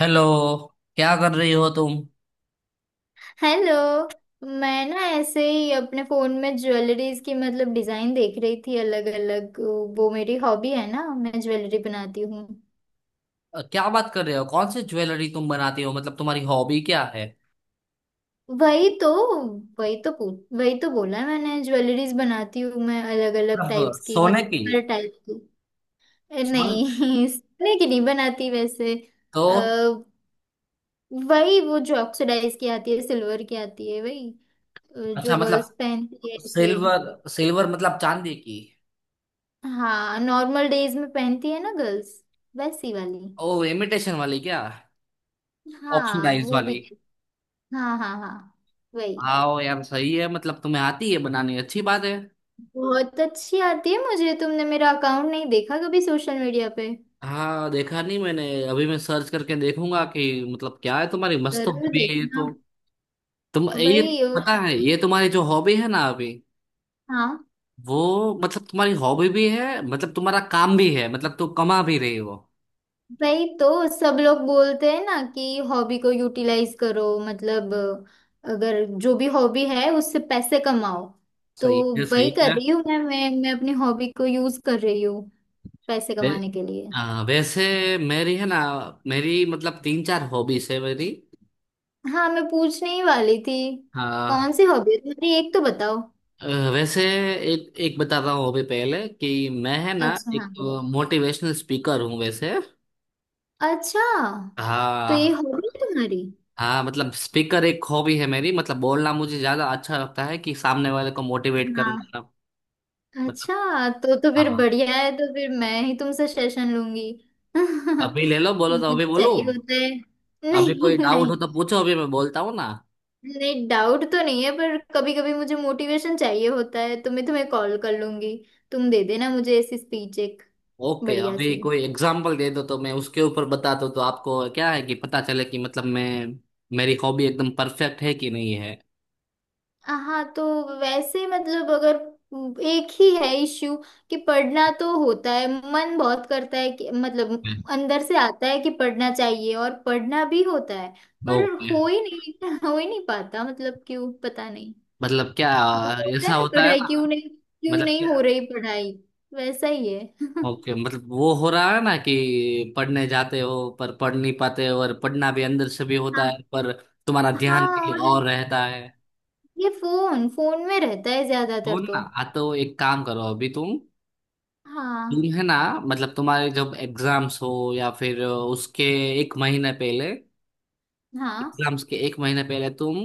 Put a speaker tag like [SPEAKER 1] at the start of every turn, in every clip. [SPEAKER 1] Hello. क्या कर रही हो तुम?
[SPEAKER 2] हेलो। मैं ना ऐसे ही अपने फोन में ज्वेलरीज की डिजाइन देख रही थी अलग अलग। वो मेरी हॉबी है ना, मैं ज्वेलरी बनाती हूँ।
[SPEAKER 1] क्या बात कर रहे हो? कौन सी ज्वेलरी तुम बनाती हो? मतलब तुम्हारी हॉबी क्या है?
[SPEAKER 2] वही तो। वही तो पूछ, वही तो बोला मैंने, ज्वेलरीज बनाती हूँ मैं, अलग अलग
[SPEAKER 1] मतलब
[SPEAKER 2] टाइप्स की,
[SPEAKER 1] सोने
[SPEAKER 2] मतलब
[SPEAKER 1] की?
[SPEAKER 2] हर टाइप की।
[SPEAKER 1] सोने
[SPEAKER 2] नहीं सोने की नहीं बनाती वैसे।
[SPEAKER 1] तो?
[SPEAKER 2] अ, वही वो जो ऑक्सीडाइज की आती है, सिल्वर की आती है, वही।
[SPEAKER 1] अच्छा,
[SPEAKER 2] जो
[SPEAKER 1] मतलब
[SPEAKER 2] गर्ल्स पहनती है ऐसे ही।
[SPEAKER 1] सिल्वर, सिल्वर मतलब चांदी की?
[SPEAKER 2] हाँ, नॉर्मल डेज में पहनती है ना गर्ल्स, वैसी वाली।
[SPEAKER 1] ओ, इमिटेशन वाली क्या?
[SPEAKER 2] हाँ
[SPEAKER 1] ऑक्सीडाइज
[SPEAKER 2] वो भी।
[SPEAKER 1] वाली?
[SPEAKER 2] हाँ, हाँ, हाँ। वही।
[SPEAKER 1] आओ यार, सही है। मतलब तुम्हें आती है बनानी, अच्छी बात है।
[SPEAKER 2] बहुत अच्छी आती है मुझे, तुमने मेरा अकाउंट नहीं देखा कभी सोशल मीडिया पे?
[SPEAKER 1] हाँ, देखा नहीं मैंने अभी। मैं सर्च करके देखूंगा कि मतलब क्या है। तुम्हारी मस्त
[SPEAKER 2] जरूर
[SPEAKER 1] हॉबी है ये
[SPEAKER 2] देखना।
[SPEAKER 1] तो। तुम ये,
[SPEAKER 2] वही।
[SPEAKER 1] पता है ये तुम्हारी जो हॉबी है ना अभी,
[SPEAKER 2] हाँ।
[SPEAKER 1] वो मतलब तुम्हारी हॉबी भी है, मतलब तुम्हारा काम भी है, मतलब तुम कमा भी रही हो।
[SPEAKER 2] वही तो, सब लोग बोलते हैं ना कि हॉबी को यूटिलाइज करो, मतलब अगर जो भी हॉबी है उससे पैसे कमाओ। तो
[SPEAKER 1] सही, ये सही
[SPEAKER 2] वही कर
[SPEAKER 1] है।
[SPEAKER 2] रही हूँ मैं, मैं अपनी हॉबी को यूज कर रही हूँ पैसे
[SPEAKER 1] वै,
[SPEAKER 2] कमाने के लिए।
[SPEAKER 1] वैसे मेरी है ना, मेरी मतलब तीन चार हॉबीज है मेरी।
[SPEAKER 2] हाँ मैं पूछने ही वाली थी, कौन
[SPEAKER 1] हाँ।
[SPEAKER 2] सी हॉबी है तुम्हारी, एक तो बताओ।
[SPEAKER 1] अ, वैसे एक एक बता रहा हूँ हॉबी। पहले कि मैं है ना,
[SPEAKER 2] अच्छा, हाँ
[SPEAKER 1] एक
[SPEAKER 2] बताओ।
[SPEAKER 1] मोटिवेशनल स्पीकर हूँ वैसे।
[SPEAKER 2] अच्छा, तो ये
[SPEAKER 1] हाँ
[SPEAKER 2] हॉबी है तुम्हारी।
[SPEAKER 1] हाँ, मतलब स्पीकर एक हॉबी है मेरी। मतलब बोलना मुझे ज्यादा अच्छा लगता है कि सामने वाले को मोटिवेट
[SPEAKER 2] हाँ,
[SPEAKER 1] करना। मतलब,
[SPEAKER 2] अच्छा। तो फिर
[SPEAKER 1] हाँ
[SPEAKER 2] बढ़िया है, तो फिर मैं ही तुमसे सेशन लूंगी।
[SPEAKER 1] अभी ले लो, बोलो तो
[SPEAKER 2] मुझे
[SPEAKER 1] अभी बोलो।
[SPEAKER 2] चाहिए होता है।
[SPEAKER 1] अभी
[SPEAKER 2] नहीं
[SPEAKER 1] कोई डाउट
[SPEAKER 2] नहीं।
[SPEAKER 1] हो तो पूछो, अभी मैं बोलता हूँ ना।
[SPEAKER 2] नहीं, डाउट तो नहीं है, पर कभी कभी मुझे मोटिवेशन चाहिए होता है, तो मैं तुम्हें कॉल कर लूंगी, तुम दे देना मुझे ऐसी स्पीच एक
[SPEAKER 1] ओके,
[SPEAKER 2] बढ़िया
[SPEAKER 1] अभी
[SPEAKER 2] सी।
[SPEAKER 1] कोई एग्जांपल दे दो तो मैं उसके ऊपर बता दूँ। तो आपको क्या है कि पता चले कि मतलब मैं, मेरी हॉबी एकदम परफेक्ट है कि नहीं है।
[SPEAKER 2] हाँ तो, वैसे मतलब अगर, एक ही है इश्यू कि पढ़ना तो होता है, मन बहुत करता है कि मतलब अंदर से आता है कि पढ़ना चाहिए, और पढ़ना भी होता है पर
[SPEAKER 1] ओके,
[SPEAKER 2] हो ही नहीं हो ही नहीं पाता, मतलब क्यों पता नहीं।
[SPEAKER 1] मतलब क्या?
[SPEAKER 2] वो होता है
[SPEAKER 1] ऐसा
[SPEAKER 2] ना,
[SPEAKER 1] होता है
[SPEAKER 2] पढ़ाई
[SPEAKER 1] ना?
[SPEAKER 2] क्यों नहीं, क्यों
[SPEAKER 1] मतलब
[SPEAKER 2] नहीं हो
[SPEAKER 1] क्या?
[SPEAKER 2] रही पढ़ाई, वैसा ही है।
[SPEAKER 1] ओके, मतलब वो हो रहा है ना कि पढ़ने जाते हो पर पढ़ नहीं पाते हो, और पढ़ना भी अंदर से भी होता
[SPEAKER 2] हाँ
[SPEAKER 1] है, पर तुम्हारा ध्यान
[SPEAKER 2] हाँ।
[SPEAKER 1] कहीं
[SPEAKER 2] और
[SPEAKER 1] और रहता है।
[SPEAKER 2] ये फोन फोन में रहता है
[SPEAKER 1] हो
[SPEAKER 2] ज्यादातर
[SPEAKER 1] ना,
[SPEAKER 2] तो।
[SPEAKER 1] हाँ तो एक काम करो अभी तुम। तुम
[SPEAKER 2] हाँ,
[SPEAKER 1] है ना, मतलब तुम्हारे जब एग्जाम्स हो, या फिर उसके एक महीने पहले,
[SPEAKER 2] हाँ।
[SPEAKER 1] एग्जाम्स के एक महीने पहले तुम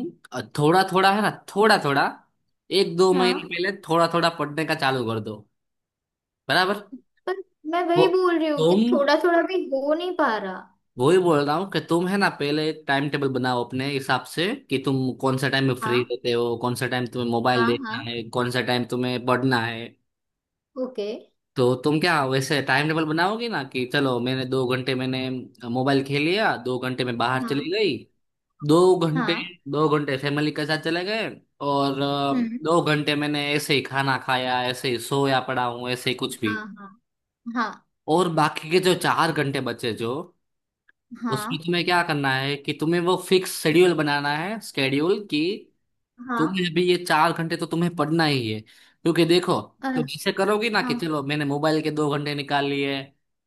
[SPEAKER 1] थोड़ा थोड़ा, है ना, थोड़ा थोड़ा, एक दो महीने
[SPEAKER 2] हाँ
[SPEAKER 1] पहले थोड़ा थोड़ा पढ़ने का चालू कर दो। बराबर।
[SPEAKER 2] पर मैं
[SPEAKER 1] वो
[SPEAKER 2] वही बोल रही हूँ कि
[SPEAKER 1] तुम
[SPEAKER 2] थोड़ा थोड़ा भी हो नहीं पा रहा।
[SPEAKER 1] वही बोल रहा हूँ कि तुम है ना, पहले एक टाइम टेबल बनाओ अपने हिसाब से कि तुम कौन सा टाइम में फ्री
[SPEAKER 2] हाँ।
[SPEAKER 1] रहते हो, कौन सा टाइम तुम्हें मोबाइल
[SPEAKER 2] हाँ।
[SPEAKER 1] देखना
[SPEAKER 2] हाँ।
[SPEAKER 1] है, कौन सा टाइम तुम्हें पढ़ना है।
[SPEAKER 2] ओके।
[SPEAKER 1] तो तुम क्या वैसे टाइम टेबल बनाओगी ना कि चलो मैंने दो घंटे मैंने मोबाइल खेल लिया, दो घंटे में बाहर
[SPEAKER 2] हाँ।
[SPEAKER 1] चली गई, दो घंटे,
[SPEAKER 2] हाँ।
[SPEAKER 1] दो घंटे फैमिली के साथ चले गए, और
[SPEAKER 2] हम्म।
[SPEAKER 1] दो घंटे मैंने ऐसे ही खाना खाया, ऐसे ही सोया पड़ा हूँ, ऐसे ही कुछ भी।
[SPEAKER 2] हाँ। हाँ। हाँ,
[SPEAKER 1] और बाकी के जो चार घंटे बचे जो, उसमें
[SPEAKER 2] हाँ,
[SPEAKER 1] तुम्हें क्या करना है कि तुम्हें वो फिक्स शेड्यूल बनाना है। शेड्यूल की
[SPEAKER 2] हाँ।
[SPEAKER 1] तुम्हें अभी ये चार घंटे तो तुम्हें पढ़ना ही है, क्योंकि देखो तुम ऐसे
[SPEAKER 2] अच्छा।
[SPEAKER 1] करोगी ना कि
[SPEAKER 2] हाँ।
[SPEAKER 1] चलो मैंने मोबाइल के दो घंटे निकाल लिए,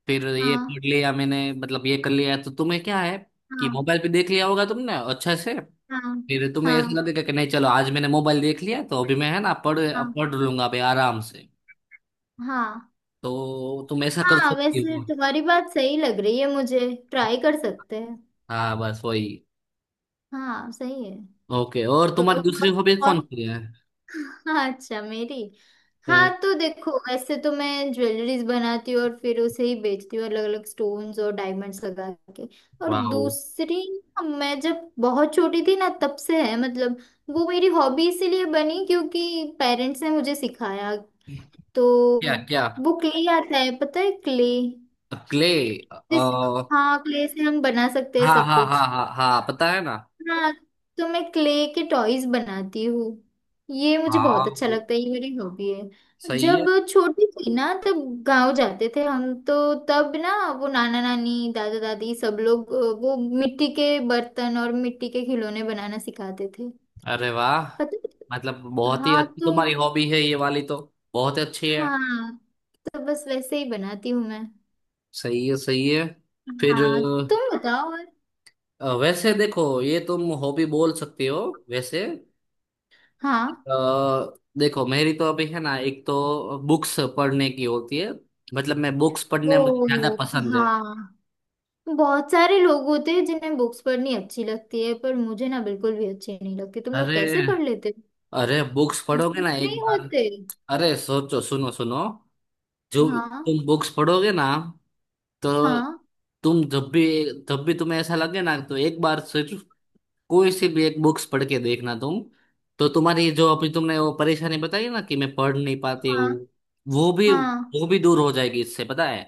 [SPEAKER 1] फिर ये
[SPEAKER 2] हाँ,
[SPEAKER 1] पढ़ लिया मैंने, मतलब ये कर लिया। तो तुम्हें क्या है कि
[SPEAKER 2] हाँ,
[SPEAKER 1] मोबाइल पे देख लिया होगा तुमने अच्छे से,
[SPEAKER 2] हाँ,
[SPEAKER 1] फिर तुम्हें ऐसा
[SPEAKER 2] हाँ,
[SPEAKER 1] लगेगा कि नहीं चलो आज मैंने मोबाइल देख लिया तो अभी मैं है ना पढ़
[SPEAKER 2] हाँ,
[SPEAKER 1] पढ़ लूंगा भाई आराम से।
[SPEAKER 2] हाँ,
[SPEAKER 1] तो तुम ऐसा कर
[SPEAKER 2] हाँ।
[SPEAKER 1] सकती
[SPEAKER 2] वैसे
[SPEAKER 1] हो।
[SPEAKER 2] तुम्हारी बात सही लग रही है मुझे, ट्राई कर सकते हैं।
[SPEAKER 1] हाँ बस वही।
[SPEAKER 2] हाँ सही है।
[SPEAKER 1] ओके, और
[SPEAKER 2] तो,
[SPEAKER 1] तुम्हारी दूसरी हॉबी कौन
[SPEAKER 2] और,
[SPEAKER 1] सी है?
[SPEAKER 2] हाँ अच्छा मेरी। हाँ तो देखो, वैसे तो मैं ज्वेलरीज बनाती हूँ और फिर उसे ही बेचती हूँ, अलग अलग स्टोन्स और डायमंड्स लगा के। और
[SPEAKER 1] वाह।
[SPEAKER 2] दूसरी, मैं जब बहुत छोटी थी ना तब से है, मतलब वो मेरी हॉबी इसीलिए बनी क्योंकि पेरेंट्स ने मुझे सिखाया।
[SPEAKER 1] क्या
[SPEAKER 2] तो
[SPEAKER 1] क्या?
[SPEAKER 2] वो क्ले आता है, पता है क्ले,
[SPEAKER 1] क्ले?
[SPEAKER 2] जिस, हाँ क्ले से हम बना सकते हैं
[SPEAKER 1] हाँ
[SPEAKER 2] सब
[SPEAKER 1] हाँ हाँ
[SPEAKER 2] कुछ।
[SPEAKER 1] हाँ हाँ, पता है ना।
[SPEAKER 2] हाँ तो मैं क्ले के टॉयज बनाती हूँ, ये मुझे बहुत अच्छा
[SPEAKER 1] हाँ,
[SPEAKER 2] लगता है, ये मेरी हॉबी है।
[SPEAKER 1] सही
[SPEAKER 2] जब
[SPEAKER 1] है।
[SPEAKER 2] छोटी थी ना तब गांव जाते थे हम तो, तब ना वो नाना नानी दादा दादी सब लोग वो मिट्टी के बर्तन और मिट्टी के खिलौने बनाना सिखाते थे,
[SPEAKER 1] अरे वाह,
[SPEAKER 2] पता
[SPEAKER 1] मतलब
[SPEAKER 2] है?
[SPEAKER 1] बहुत ही
[SPEAKER 2] हाँ
[SPEAKER 1] अच्छी
[SPEAKER 2] तो,
[SPEAKER 1] तुम्हारी हॉबी है ये वाली तो, बहुत ही अच्छी है।
[SPEAKER 2] हाँ तो बस वैसे ही बनाती हूँ मैं।
[SPEAKER 1] सही है, सही है। फिर
[SPEAKER 2] हाँ, तुम बताओ और।
[SPEAKER 1] वैसे देखो ये तुम हॉबी बोल सकते हो वैसे।
[SPEAKER 2] हाँ।
[SPEAKER 1] अ, देखो मेरी तो अभी है ना, एक तो बुक्स पढ़ने की होती है। मतलब मैं बुक्स पढ़ने मुझे ज्यादा
[SPEAKER 2] ओ,
[SPEAKER 1] पसंद है।
[SPEAKER 2] हाँ। बहुत सारे लोग होते हैं जिन्हें बुक्स पढ़नी अच्छी लगती है, पर मुझे ना बिल्कुल भी अच्छी नहीं लगती, तुम लोग
[SPEAKER 1] अरे,
[SPEAKER 2] कैसे पढ़ लेते
[SPEAKER 1] अरे बुक्स
[SPEAKER 2] हो,
[SPEAKER 1] पढ़ोगे ना एक
[SPEAKER 2] नहीं
[SPEAKER 1] बार।
[SPEAKER 2] होते।
[SPEAKER 1] अरे सोचो, सुनो सुनो, जो
[SPEAKER 2] हाँ,
[SPEAKER 1] तुम बुक्स पढ़ोगे ना तो,
[SPEAKER 2] हाँ,
[SPEAKER 1] तुम जब भी, जब भी तुम्हें ऐसा लगे ना तो एक बार सिर्फ कोई सी भी एक बुक्स पढ़ के देखना तुम। तो तुम्हारी जो अभी तुमने वो परेशानी बताई ना कि मैं पढ़ नहीं पाती हूँ,
[SPEAKER 2] हाँ।
[SPEAKER 1] वो भी,
[SPEAKER 2] हाँ
[SPEAKER 1] वो भी दूर हो जाएगी इससे पता है।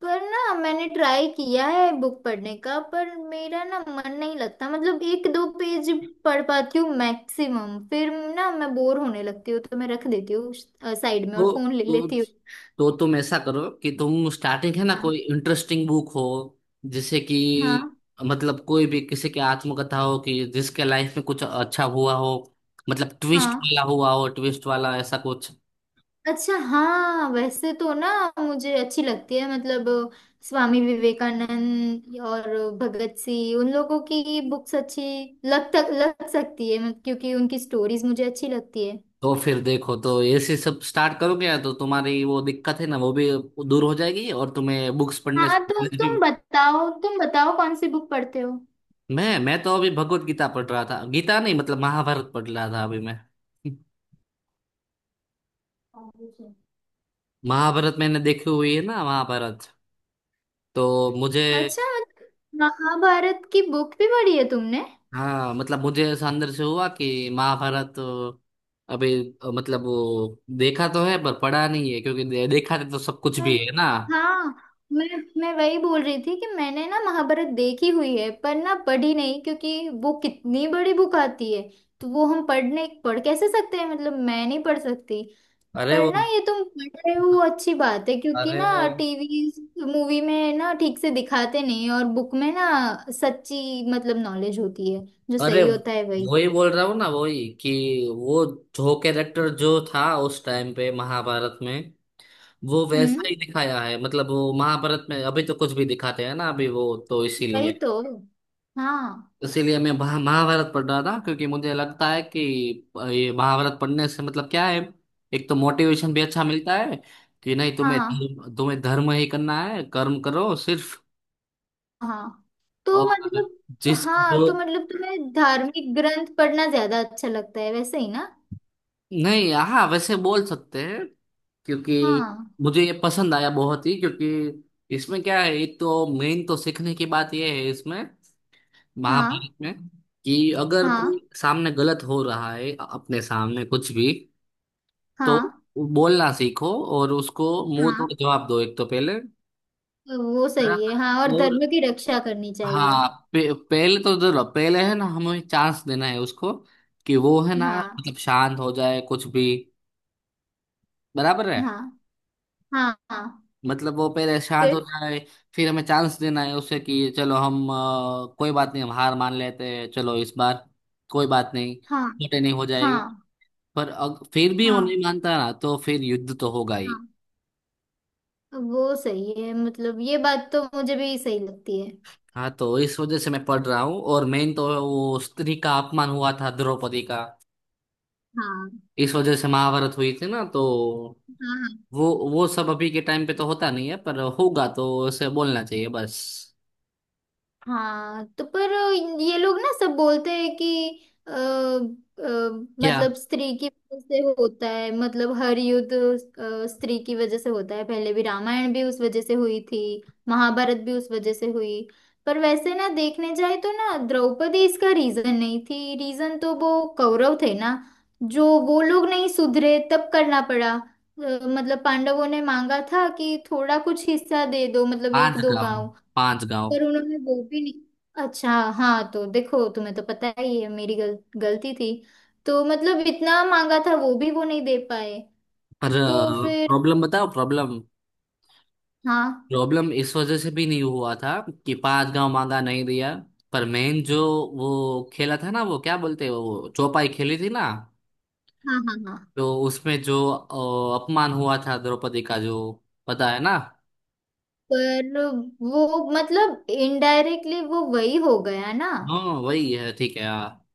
[SPEAKER 2] पर ना मैंने ट्राई किया है बुक पढ़ने का, पर मेरा ना मन नहीं लगता, मतलब एक दो पेज पढ़ पाती हूँ मैक्सिमम, फिर ना मैं बोर होने लगती हूँ तो मैं रख देती हूँ साइड में और
[SPEAKER 1] तो
[SPEAKER 2] फोन ले
[SPEAKER 1] तो
[SPEAKER 2] लेती हूँ।
[SPEAKER 1] तो तुम ऐसा करो कि तुम स्टार्टिंग है ना,
[SPEAKER 2] हाँ।
[SPEAKER 1] कोई इंटरेस्टिंग बुक हो, जैसे कि
[SPEAKER 2] हाँ।
[SPEAKER 1] मतलब कोई भी किसी की आत्मकथा हो कि जिसके लाइफ में कुछ अच्छा हुआ हो, मतलब ट्विस्ट
[SPEAKER 2] हाँ
[SPEAKER 1] वाला हुआ हो, ट्विस्ट वाला ऐसा कुछ।
[SPEAKER 2] अच्छा, हाँ वैसे तो ना मुझे अच्छी लगती है, मतलब स्वामी विवेकानंद और भगत सिंह, उन लोगों की बुक्स अच्छी लग सकती है, क्योंकि उनकी स्टोरीज मुझे अच्छी लगती है।
[SPEAKER 1] तो फिर देखो, तो ऐसे सब स्टार्ट करोगे ना तो तुम्हारी वो दिक्कत है ना वो भी दूर हो जाएगी, और तुम्हें बुक्स पढ़ने से
[SPEAKER 2] हाँ, तुम
[SPEAKER 1] knowledge भी-।
[SPEAKER 2] तुम बताओ, तुम बताओ कौन सी बुक पढ़ते हो।
[SPEAKER 1] मैं तो अभी भगवत गीता पढ़ रहा था, गीता नहीं मतलब महाभारत पढ़ रहा था अभी मैं। महाभारत मैंने देखी हुई है ना महाभारत, तो मुझे,
[SPEAKER 2] अच्छा, महाभारत की बुक भी पढ़ी है तुमने?
[SPEAKER 1] हाँ मतलब मुझे ऐसा अंदर से हुआ कि महाभारत अभी, मतलब वो देखा तो है पर पढ़ा नहीं है, क्योंकि देखा तो सब कुछ
[SPEAKER 2] मैं
[SPEAKER 1] भी है ना।
[SPEAKER 2] हाँ मैं मैं वही बोल रही थी कि मैंने ना महाभारत देखी हुई है पर ना पढ़ी नहीं, क्योंकि वो कितनी बड़ी बुक आती है, तो वो हम पढ़ कैसे सकते हैं, मतलब मैं नहीं पढ़ सकती।
[SPEAKER 1] अरे
[SPEAKER 2] पर
[SPEAKER 1] वो,
[SPEAKER 2] ना ये तुम पढ़ रहे हो वो अच्छी बात है, क्योंकि
[SPEAKER 1] अरे,
[SPEAKER 2] ना टीवी मूवी में ना ठीक से दिखाते नहीं, और बुक में ना सच्ची मतलब नॉलेज होती है, जो
[SPEAKER 1] अरे
[SPEAKER 2] सही होता है वही।
[SPEAKER 1] वही बोल रहा हूँ ना वही कि वो, जो कैरेक्टर जो था उस टाइम पे महाभारत में, वो वैसा
[SPEAKER 2] हम्म,
[SPEAKER 1] ही दिखाया है। मतलब वो महाभारत में अभी तो कुछ भी दिखाते हैं ना अभी वो, तो
[SPEAKER 2] वही
[SPEAKER 1] इसीलिए,
[SPEAKER 2] तो। हाँ,
[SPEAKER 1] इसीलिए मैं महाभारत पढ़ रहा था, क्योंकि मुझे लगता है कि ये महाभारत पढ़ने से मतलब क्या है, एक तो मोटिवेशन भी अच्छा मिलता है कि नहीं,
[SPEAKER 2] हाँ।
[SPEAKER 1] तुम्हें धर्म ही करना है, कर्म करो सिर्फ।
[SPEAKER 2] हाँ तो
[SPEAKER 1] और
[SPEAKER 2] मतलब,
[SPEAKER 1] जिस
[SPEAKER 2] हाँ
[SPEAKER 1] जो,
[SPEAKER 2] तो मतलब तुम्हें धार्मिक ग्रंथ पढ़ना ज्यादा अच्छा लगता है वैसे ही ना।
[SPEAKER 1] नहीं हाँ वैसे बोल सकते हैं, क्योंकि
[SPEAKER 2] हाँ।
[SPEAKER 1] मुझे ये पसंद आया बहुत ही, क्योंकि इसमें क्या है, एक तो मेन तो सीखने की बात यह है इसमें,
[SPEAKER 2] हाँ,
[SPEAKER 1] महाभारत में, कि अगर
[SPEAKER 2] हाँ,
[SPEAKER 1] कोई सामने गलत हो रहा है अपने सामने कुछ भी, तो
[SPEAKER 2] हाँ,
[SPEAKER 1] बोलना सीखो, और उसको मुंह
[SPEAKER 2] हाँ,
[SPEAKER 1] तोड़ जवाब दो। एक तो पहले,
[SPEAKER 2] तो वो
[SPEAKER 1] हाँ,
[SPEAKER 2] सही है, हाँ, और
[SPEAKER 1] और
[SPEAKER 2] धर्म की रक्षा करनी चाहिए।
[SPEAKER 1] हाँ, पहले तो जरूर, पहले है ना हमें चांस देना है उसको कि वो है ना
[SPEAKER 2] हाँ,
[SPEAKER 1] मतलब शांत हो जाए, कुछ भी। बराबर है।
[SPEAKER 2] हाँ, हाँ, हाँ।
[SPEAKER 1] मतलब वो पहले शांत
[SPEAKER 2] फिर।
[SPEAKER 1] हो जाए, फिर हमें चांस देना है उसे कि चलो हम कोई बात नहीं हम हार मान लेते हैं चलो इस बार, कोई बात नहीं,
[SPEAKER 2] हाँ।
[SPEAKER 1] छोटे नहीं हो जाएगी।
[SPEAKER 2] हाँ,
[SPEAKER 1] पर फिर भी वो नहीं
[SPEAKER 2] हाँ,
[SPEAKER 1] मानता ना तो फिर युद्ध तो होगा ही।
[SPEAKER 2] हाँ तो वो सही है, मतलब ये बात तो मुझे भी सही लगती है।
[SPEAKER 1] हाँ तो इस वजह से मैं पढ़ रहा हूँ, और मेन तो वो स्त्री का अपमान हुआ था, द्रौपदी का।
[SPEAKER 2] हाँ,
[SPEAKER 1] इस वजह से महाभारत हुई थी ना, तो
[SPEAKER 2] हाँ, हाँ।
[SPEAKER 1] वो सब अभी के टाइम पे तो होता नहीं है, पर होगा तो उसे बोलना चाहिए बस।
[SPEAKER 2] हाँ तो पर ये लोग ना सब बोलते हैं कि अ, अ,
[SPEAKER 1] क्या?
[SPEAKER 2] मतलब स्त्री की वजह से होता है, मतलब हर युद्ध स्त्री की वजह से होता है, पहले भी रामायण भी उस वजह से हुई थी, महाभारत भी उस वजह से हुई। पर वैसे ना देखने जाए तो ना द्रौपदी इसका रीजन नहीं थी, रीजन तो वो कौरव थे ना, जो वो लोग नहीं सुधरे, तब करना पड़ा। मतलब पांडवों ने मांगा था कि थोड़ा कुछ हिस्सा दे दो, मतलब एक
[SPEAKER 1] पांच
[SPEAKER 2] दो
[SPEAKER 1] गांव,
[SPEAKER 2] गांव,
[SPEAKER 1] पांच गांव,
[SPEAKER 2] पर उन्होंने वो भी नहीं। अच्छा, हाँ तो देखो तुम्हें तो पता ही है, मेरी गलती थी, तो मतलब इतना मांगा था, वो भी वो नहीं दे पाए,
[SPEAKER 1] पर
[SPEAKER 2] तो फिर।
[SPEAKER 1] प्रॉब्लम बताओ प्रॉब्लम,
[SPEAKER 2] हाँ,
[SPEAKER 1] प्रॉब्लम इस वजह से भी नहीं हुआ था कि पांच गांव मांगा नहीं दिया। पर मेन जो वो खेला था ना, वो क्या बोलते हैं, वो चौपाई खेली थी ना,
[SPEAKER 2] हाँ, हाँ, हाँ।
[SPEAKER 1] तो उसमें जो अपमान हुआ था द्रौपदी का जो, पता है ना।
[SPEAKER 2] पर वो मतलब इनडायरेक्टली वो वही हो गया ना,
[SPEAKER 1] हाँ वही है, ठीक है, हाँ।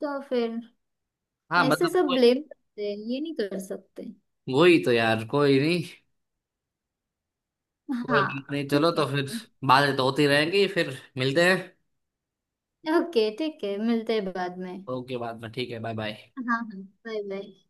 [SPEAKER 2] तो फिर
[SPEAKER 1] हाँ
[SPEAKER 2] ऐसे
[SPEAKER 1] मतलब
[SPEAKER 2] सब
[SPEAKER 1] कोई,
[SPEAKER 2] ब्लेम करते हैं, ये नहीं कर सकते।
[SPEAKER 1] वही तो यार, कोई नहीं, कोई
[SPEAKER 2] हाँ
[SPEAKER 1] बात नहीं, चलो
[SPEAKER 2] ठीक
[SPEAKER 1] तो
[SPEAKER 2] है।
[SPEAKER 1] फिर बातें तो होती रहेंगी। फिर मिलते हैं।
[SPEAKER 2] ओके ठीक है, मिलते हैं बाद में।
[SPEAKER 1] ओके बाद में, ठीक है, बाय बाय।
[SPEAKER 2] हाँ, हाँ, बाय बाय।